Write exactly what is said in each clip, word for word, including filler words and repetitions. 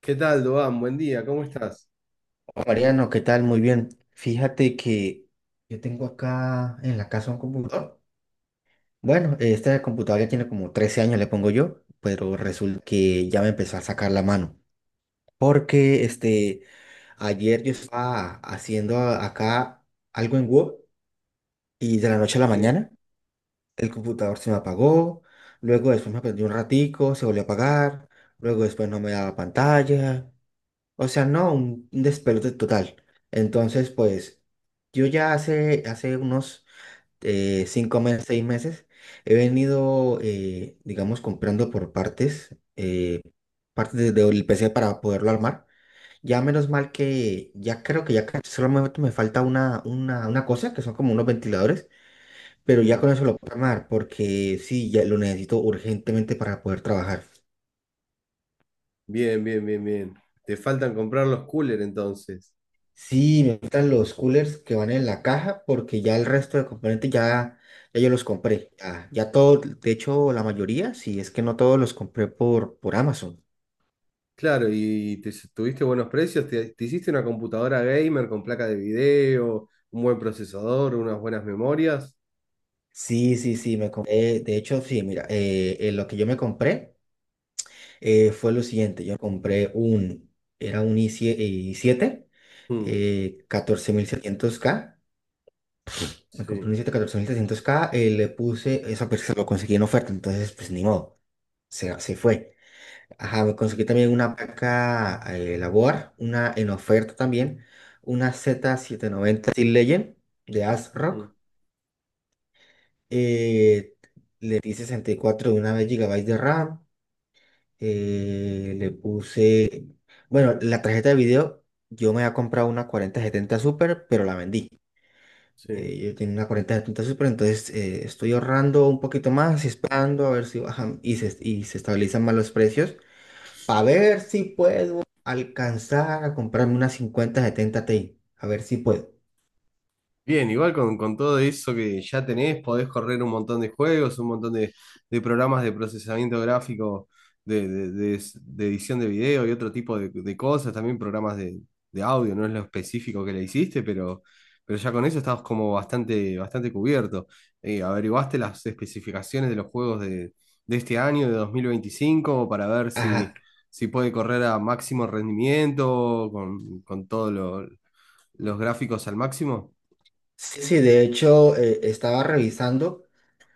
¿Qué tal, Doan? Buen día, ¿cómo estás? Mariano, ¿qué tal? Muy bien. Fíjate que yo tengo acá en la casa un computador. Bueno, este computador ya tiene como trece años, le pongo yo, pero resulta que ya me empezó a sacar la mano. Porque este, ayer yo estaba haciendo a- acá algo en Word y de la noche a la Sí. mañana el computador se me apagó. Luego después me prendió un ratico, se volvió a apagar. Luego después no me daba pantalla. O sea, no, un un despelote total. Entonces, pues, yo ya hace, hace unos eh, cinco meses, seis meses, he venido, eh, digamos, comprando por partes, eh, partes de- del P C para poderlo armar. Ya menos mal que ya creo que ya ca- solamente me falta una, una, una cosa, que son como unos ventiladores, pero ya con Mm. eso lo puedo armar, porque sí, ya lo necesito urgentemente para poder trabajar. Bien, bien, bien, bien. Te faltan comprar los coolers entonces. Sí, me gustan los coolers que van en la caja porque ya el resto de componentes ya, ya yo los compré. Ya, ya todo, de hecho la mayoría, sí, es que no todos los compré por, por Amazon. Claro, y te, tuviste buenos precios, te, te hiciste una computadora gamer con placa de video, un buen procesador, unas buenas memorias. Sí, sí, sí, me compré. De hecho, sí, mira, eh, eh, lo que yo me compré eh, fue lo siguiente. Yo compré un, era un i siete, Mm. eh, catorce setecientos k. Me compré un Sí, i siete catorce setecientos k, eh, le puse, eso pues, se lo conseguí en oferta, entonces pues ni modo, se, se fue. Ajá, me conseguí también una placa eh, labor, una en oferta también, una z setecientos noventa Steel Legend de mm, ASRock. Eh, le di sesenta y cuatro de una vez gigabytes de RAM. eh, le puse, bueno, la tarjeta de video. Yo me había comprado una cuarenta setenta Super, pero la vendí. sí. Eh, yo tenía una cuarenta setenta Super, entonces eh, estoy ahorrando un poquito más esperando a ver si bajan y se, y se estabilizan más los precios, para ver si puedo alcanzar a comprarme una cincuenta setenta Ti. A ver si puedo. Bien, igual con, con todo eso que ya tenés, podés correr un montón de juegos, un montón de, de programas de procesamiento gráfico, de, de- de de edición de video y otro tipo de, de cosas, también programas de, de audio, no es lo específico que le hiciste, pero, pero ya con eso estabas como bastante, bastante cubierto. Eh, ¿averiguaste las especificaciones de los juegos de, de este año, de dos mil veinticinco, para ver Ajá. si, si puede correr a máximo rendimiento, con, con todos los gráficos al máximo? Sí, sí, de hecho, eh, estaba revisando,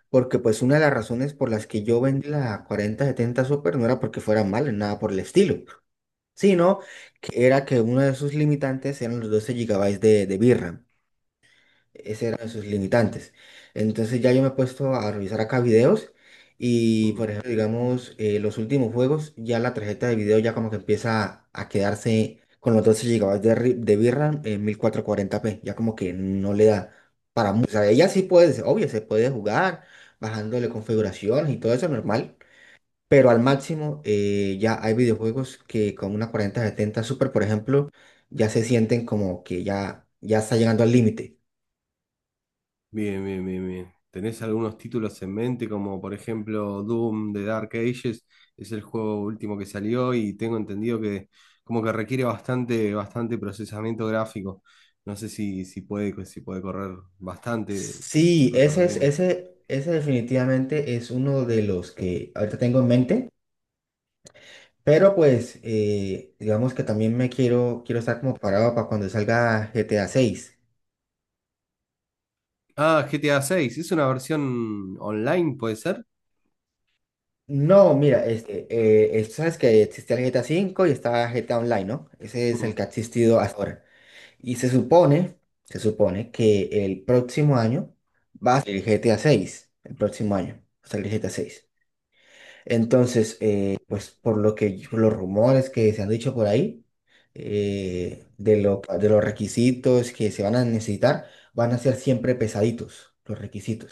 porque pues una de las razones por las que yo vendí la cuarenta setenta Super no era porque fuera mala, nada por el estilo, sino que era que uno de sus limitantes eran los doce gigabytes de, de v ram. Ese eran sus limitantes. Entonces ya yo me he puesto a revisar acá videos y, Mm. por ejemplo, digamos, eh, los últimos juegos, ya la tarjeta de video ya como que empieza a quedarse con los doce gigabytes de, ri- de V R A M en mil cuatrocientos cuarenta p, ya como que no le da para mucho. O sea, ella sí puede, obvio, se puede jugar bajándole configuraciones y todo eso normal, pero al máximo, eh, ya hay videojuegos que con una cuarenta setenta Super, por ejemplo, ya se sienten como que ya, ya está llegando al límite. Bien, bien, bien, bien. ¿Tenés algunos títulos en mente, como por ejemplo Doom de Dark Ages? Es el juego último que salió y tengo entendido que como que requiere bastante, bastante procesamiento gráfico. No sé si, si puede, si puede correr bastante, si Sí, puede ese correr es, bien. ese, ese definitivamente es uno de los que ahorita tengo en mente, pero pues eh, digamos que también me quiero, quiero estar como parado para cuando salga G T A seis. Ah, G T A seis, ¿es una versión online, puede ser? No, mira, este, eh, es- sabes que existía el G T A cinco y estaba G T A Online, ¿no? Ese es el Mm, que ha existido hasta ahora. Y se supone, se supone que el próximo año va a salir G T A seis, el próximo año va a salir G T A seis. Entonces, eh, pues por lo que, por los rumores que se han dicho por ahí, eh, de lo, de los requisitos que se van a necesitar, van a ser siempre pesaditos los requisitos.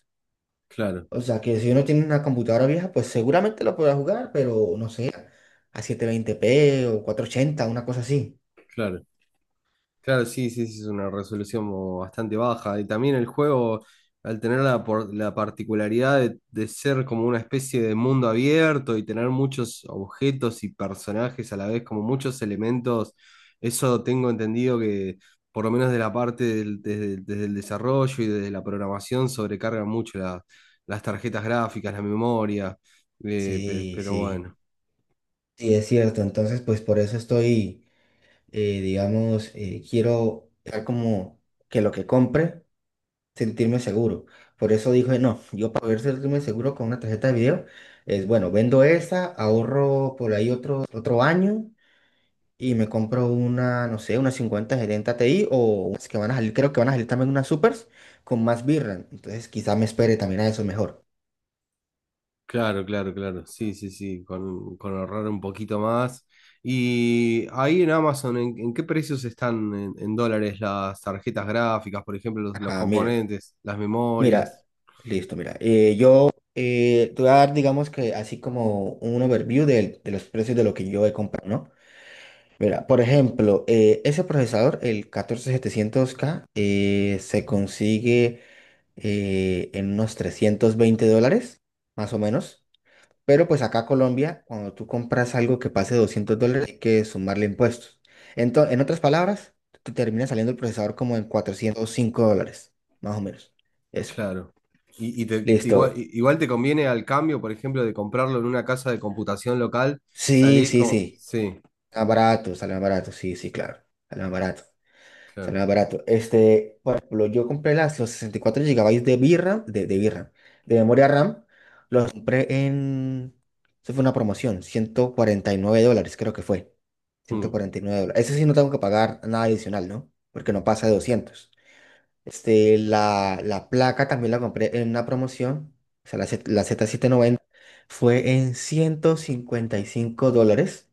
claro, O sea que si uno tiene una computadora vieja, pues seguramente lo podrá jugar, pero no sé, a setecientos veinte p o cuatrocientos ochenta, una cosa así. claro. Claro, sí, sí, sí, es una resolución mo- bastante baja. Y también el juego, al tener la, por- la particularidad de, de ser como una especie de mundo abierto y tener muchos objetos y personajes a la vez, como muchos elementos, eso tengo entendido que, por lo menos de la parte del, desde, desde el desarrollo y desde la programación, sobrecargan mucho la- las tarjetas gráficas, la memoria, eh, pe- Sí, pero sí, bueno. sí, es cierto. Entonces, pues por eso estoy, eh, digamos, eh, quiero dejar como que lo que compre, sentirme seguro. Por eso dije, no, yo, para poder sentirme seguro con una tarjeta de video, es bueno, vendo esa, ahorro por ahí otro, otro año y me compro una, no sé, una cincuenta setenta Ti, o unas que van a salir, creo que van a salir también unas Supers con más v ram. Entonces quizá me espere también a eso mejor. Claro, claro, claro. Sí, sí, sí, con, con ahorrar un poquito más. Y ahí en Amazon, ¿en, en qué precios están en, en dólares las tarjetas gráficas, por ejemplo, los, los Ajá, mira, componentes, las mira, memorias? listo, mira. eh, yo, eh, te voy a dar, digamos, que así como un overview del- de, los precios de lo que yo he comprado, ¿no? Mira, por ejemplo, eh, ese procesador, el catorce setecientos k, eh, se consigue eh, en unos trescientos veinte dólares, más o menos. Pero pues acá Colombia, cuando tú compras algo que pase doscientos dólares, hay que sumarle impuestos. Entonces, en otras palabras, te termina saliendo el procesador como en cuatrocientos cinco dólares, más o menos. Eso. Claro. Y, y te- te igual, Listo. i- igual te conviene al cambio, por ejemplo, de comprarlo en una casa de computación local, Sí, salís sí, como. sí. Sí, Más barato, sale más barato. Sí, sí, claro. Sale más barato. Sale claro. más barato. Este, por ejemplo, yo compré las, los sesenta y cuatro GB de birra, de, de birra, de memoria RAM. Los compré en. Eso fue una promoción, ciento cuarenta y nueve dólares, creo que fue. ciento Mm, cuarenta y nueve dólares. Ese sí no tengo que pagar nada adicional, ¿no? Porque no pasa de doscientos. Este, la, la placa también la compré en una promoción. O sea, la, Z- la z setecientos noventa fue en ciento cincuenta y cinco dólares.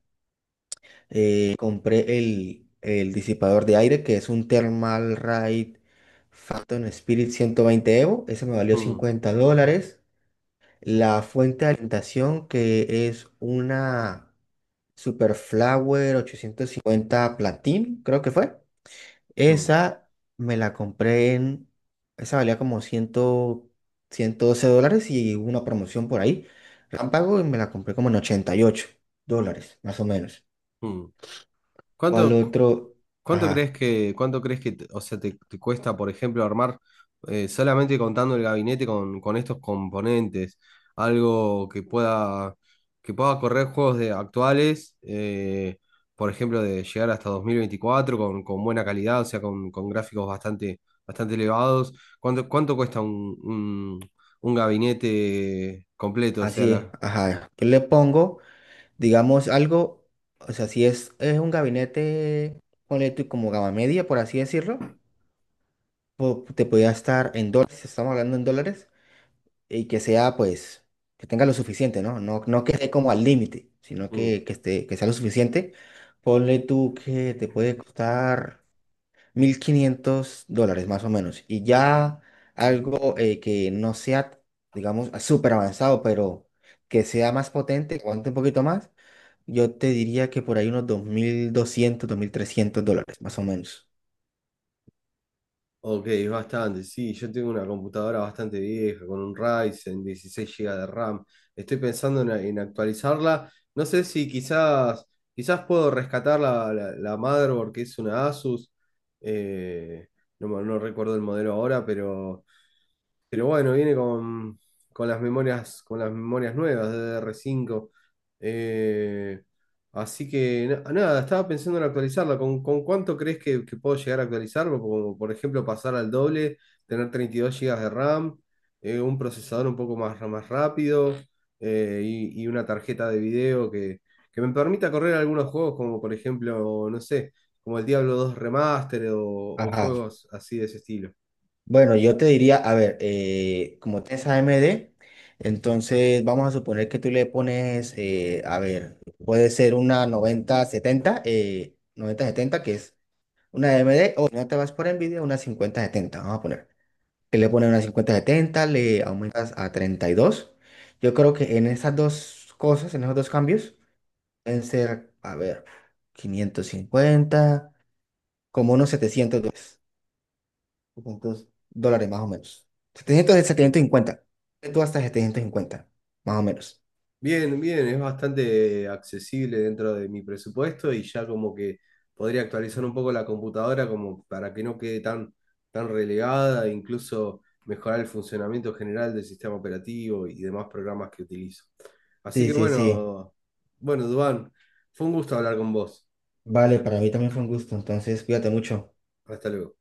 Eh, compré el, el disipador de aire, que es un Thermal Raid Phantom Spirit ciento veinte Evo. Ese me valió mm, cincuenta dólares. La fuente de alimentación, que es una Super Flower ochocientos cincuenta Platin, creo que fue. mm, Esa me la compré en. Esa valía como cien, ciento doce dólares, y hubo una promoción por ahí. Rámpago, y me la compré como en ochenta y ocho dólares, más o menos. mm. ¿Cuál ¿Cuánto? otro? ¿Cuánto crees Ajá, que, cuánto crees que, te- O sea, te, te cuesta, por ejemplo, armar eh, solamente contando el gabinete con, con estos componentes? Algo que pueda, que pueda correr juegos de actuales, eh, por ejemplo, de llegar hasta dos mil veinticuatro con, con buena calidad, o sea, con, con gráficos bastante, bastante elevados. ¿Cuánto, cuánto cuesta un, un, un gabinete completo? O sea, así es, la. ajá. Yo le pongo, digamos, algo, o sea, si es, es un gabinete, ponle tú como gama media, por así decirlo, po- te podría estar en dólares, estamos hablando en dólares, y que sea, pues, que tenga lo suficiente, ¿no? No, no que esté como al límite, sino Mm. que, que, esté, que sea lo suficiente. Ponle tú que te puede costar mil quinientos dólares, más o menos. Y ya algo, eh, que no sea, digamos, súper avanzado, pero que sea más potente, que aguante un poquito más, yo te diría que por ahí unos dos dos mil doscientos, dos mil trescientos dólares, más o menos. Ok, es bastante, sí, yo tengo una computadora bastante vieja con un Ryzen, dieciséis gigabytes de RAM. Estoy pensando en, en actualizarla. No sé si quizás, quizás puedo rescatar la, la, la motherboard que es una Asus. eh, no, me- no recuerdo el modelo ahora, pero, pero bueno, viene con, con las memorias, con las memorias nuevas de D D R cinco. Así que na- nada, estaba pensando en actualizarla. ¿Con, con cuánto crees que, que puedo llegar a actualizarlo? Como por ejemplo pasar al doble, tener treinta y dos gigas de RAM, eh, un procesador un poco más, más rápido, eh, y, y una tarjeta de video que, que me permita correr algunos juegos como por ejemplo, no sé, como el Diablo dos Remaster o, o Ajá. juegos así de ese estilo. Bueno, yo te diría, a ver, eh, como tienes A M D, entonces vamos a suponer que tú le pones, eh, a ver, puede ser una noventa setenta eh, noventa setenta, que es una A M D, o si no te vas por Nvidia, una cincuenta setenta, vamos a poner, que le pones una cincuenta setenta, le aumentas a treinta y dos. Yo creo que en esas dos cosas, en esos dos cambios, pueden ser, a ver, quinientos cincuenta, como unos setecientos dólares, setecientos dólares más o menos. Setecientos, de setecientos cincuenta, tú, hasta setecientos cincuenta, más o menos. Bien, bien, es bastante accesible dentro de mi presupuesto y ya como que podría actualizar un poco la computadora como para que no quede tan, tan relegada, incluso mejorar el funcionamiento general del sistema operativo y demás programas que utilizo. Así Sí, que sí, sí. bueno, bueno, Duván, fue un gusto hablar con vos. Vale, para mí también fue un gusto, entonces cuídate mucho. Hasta luego.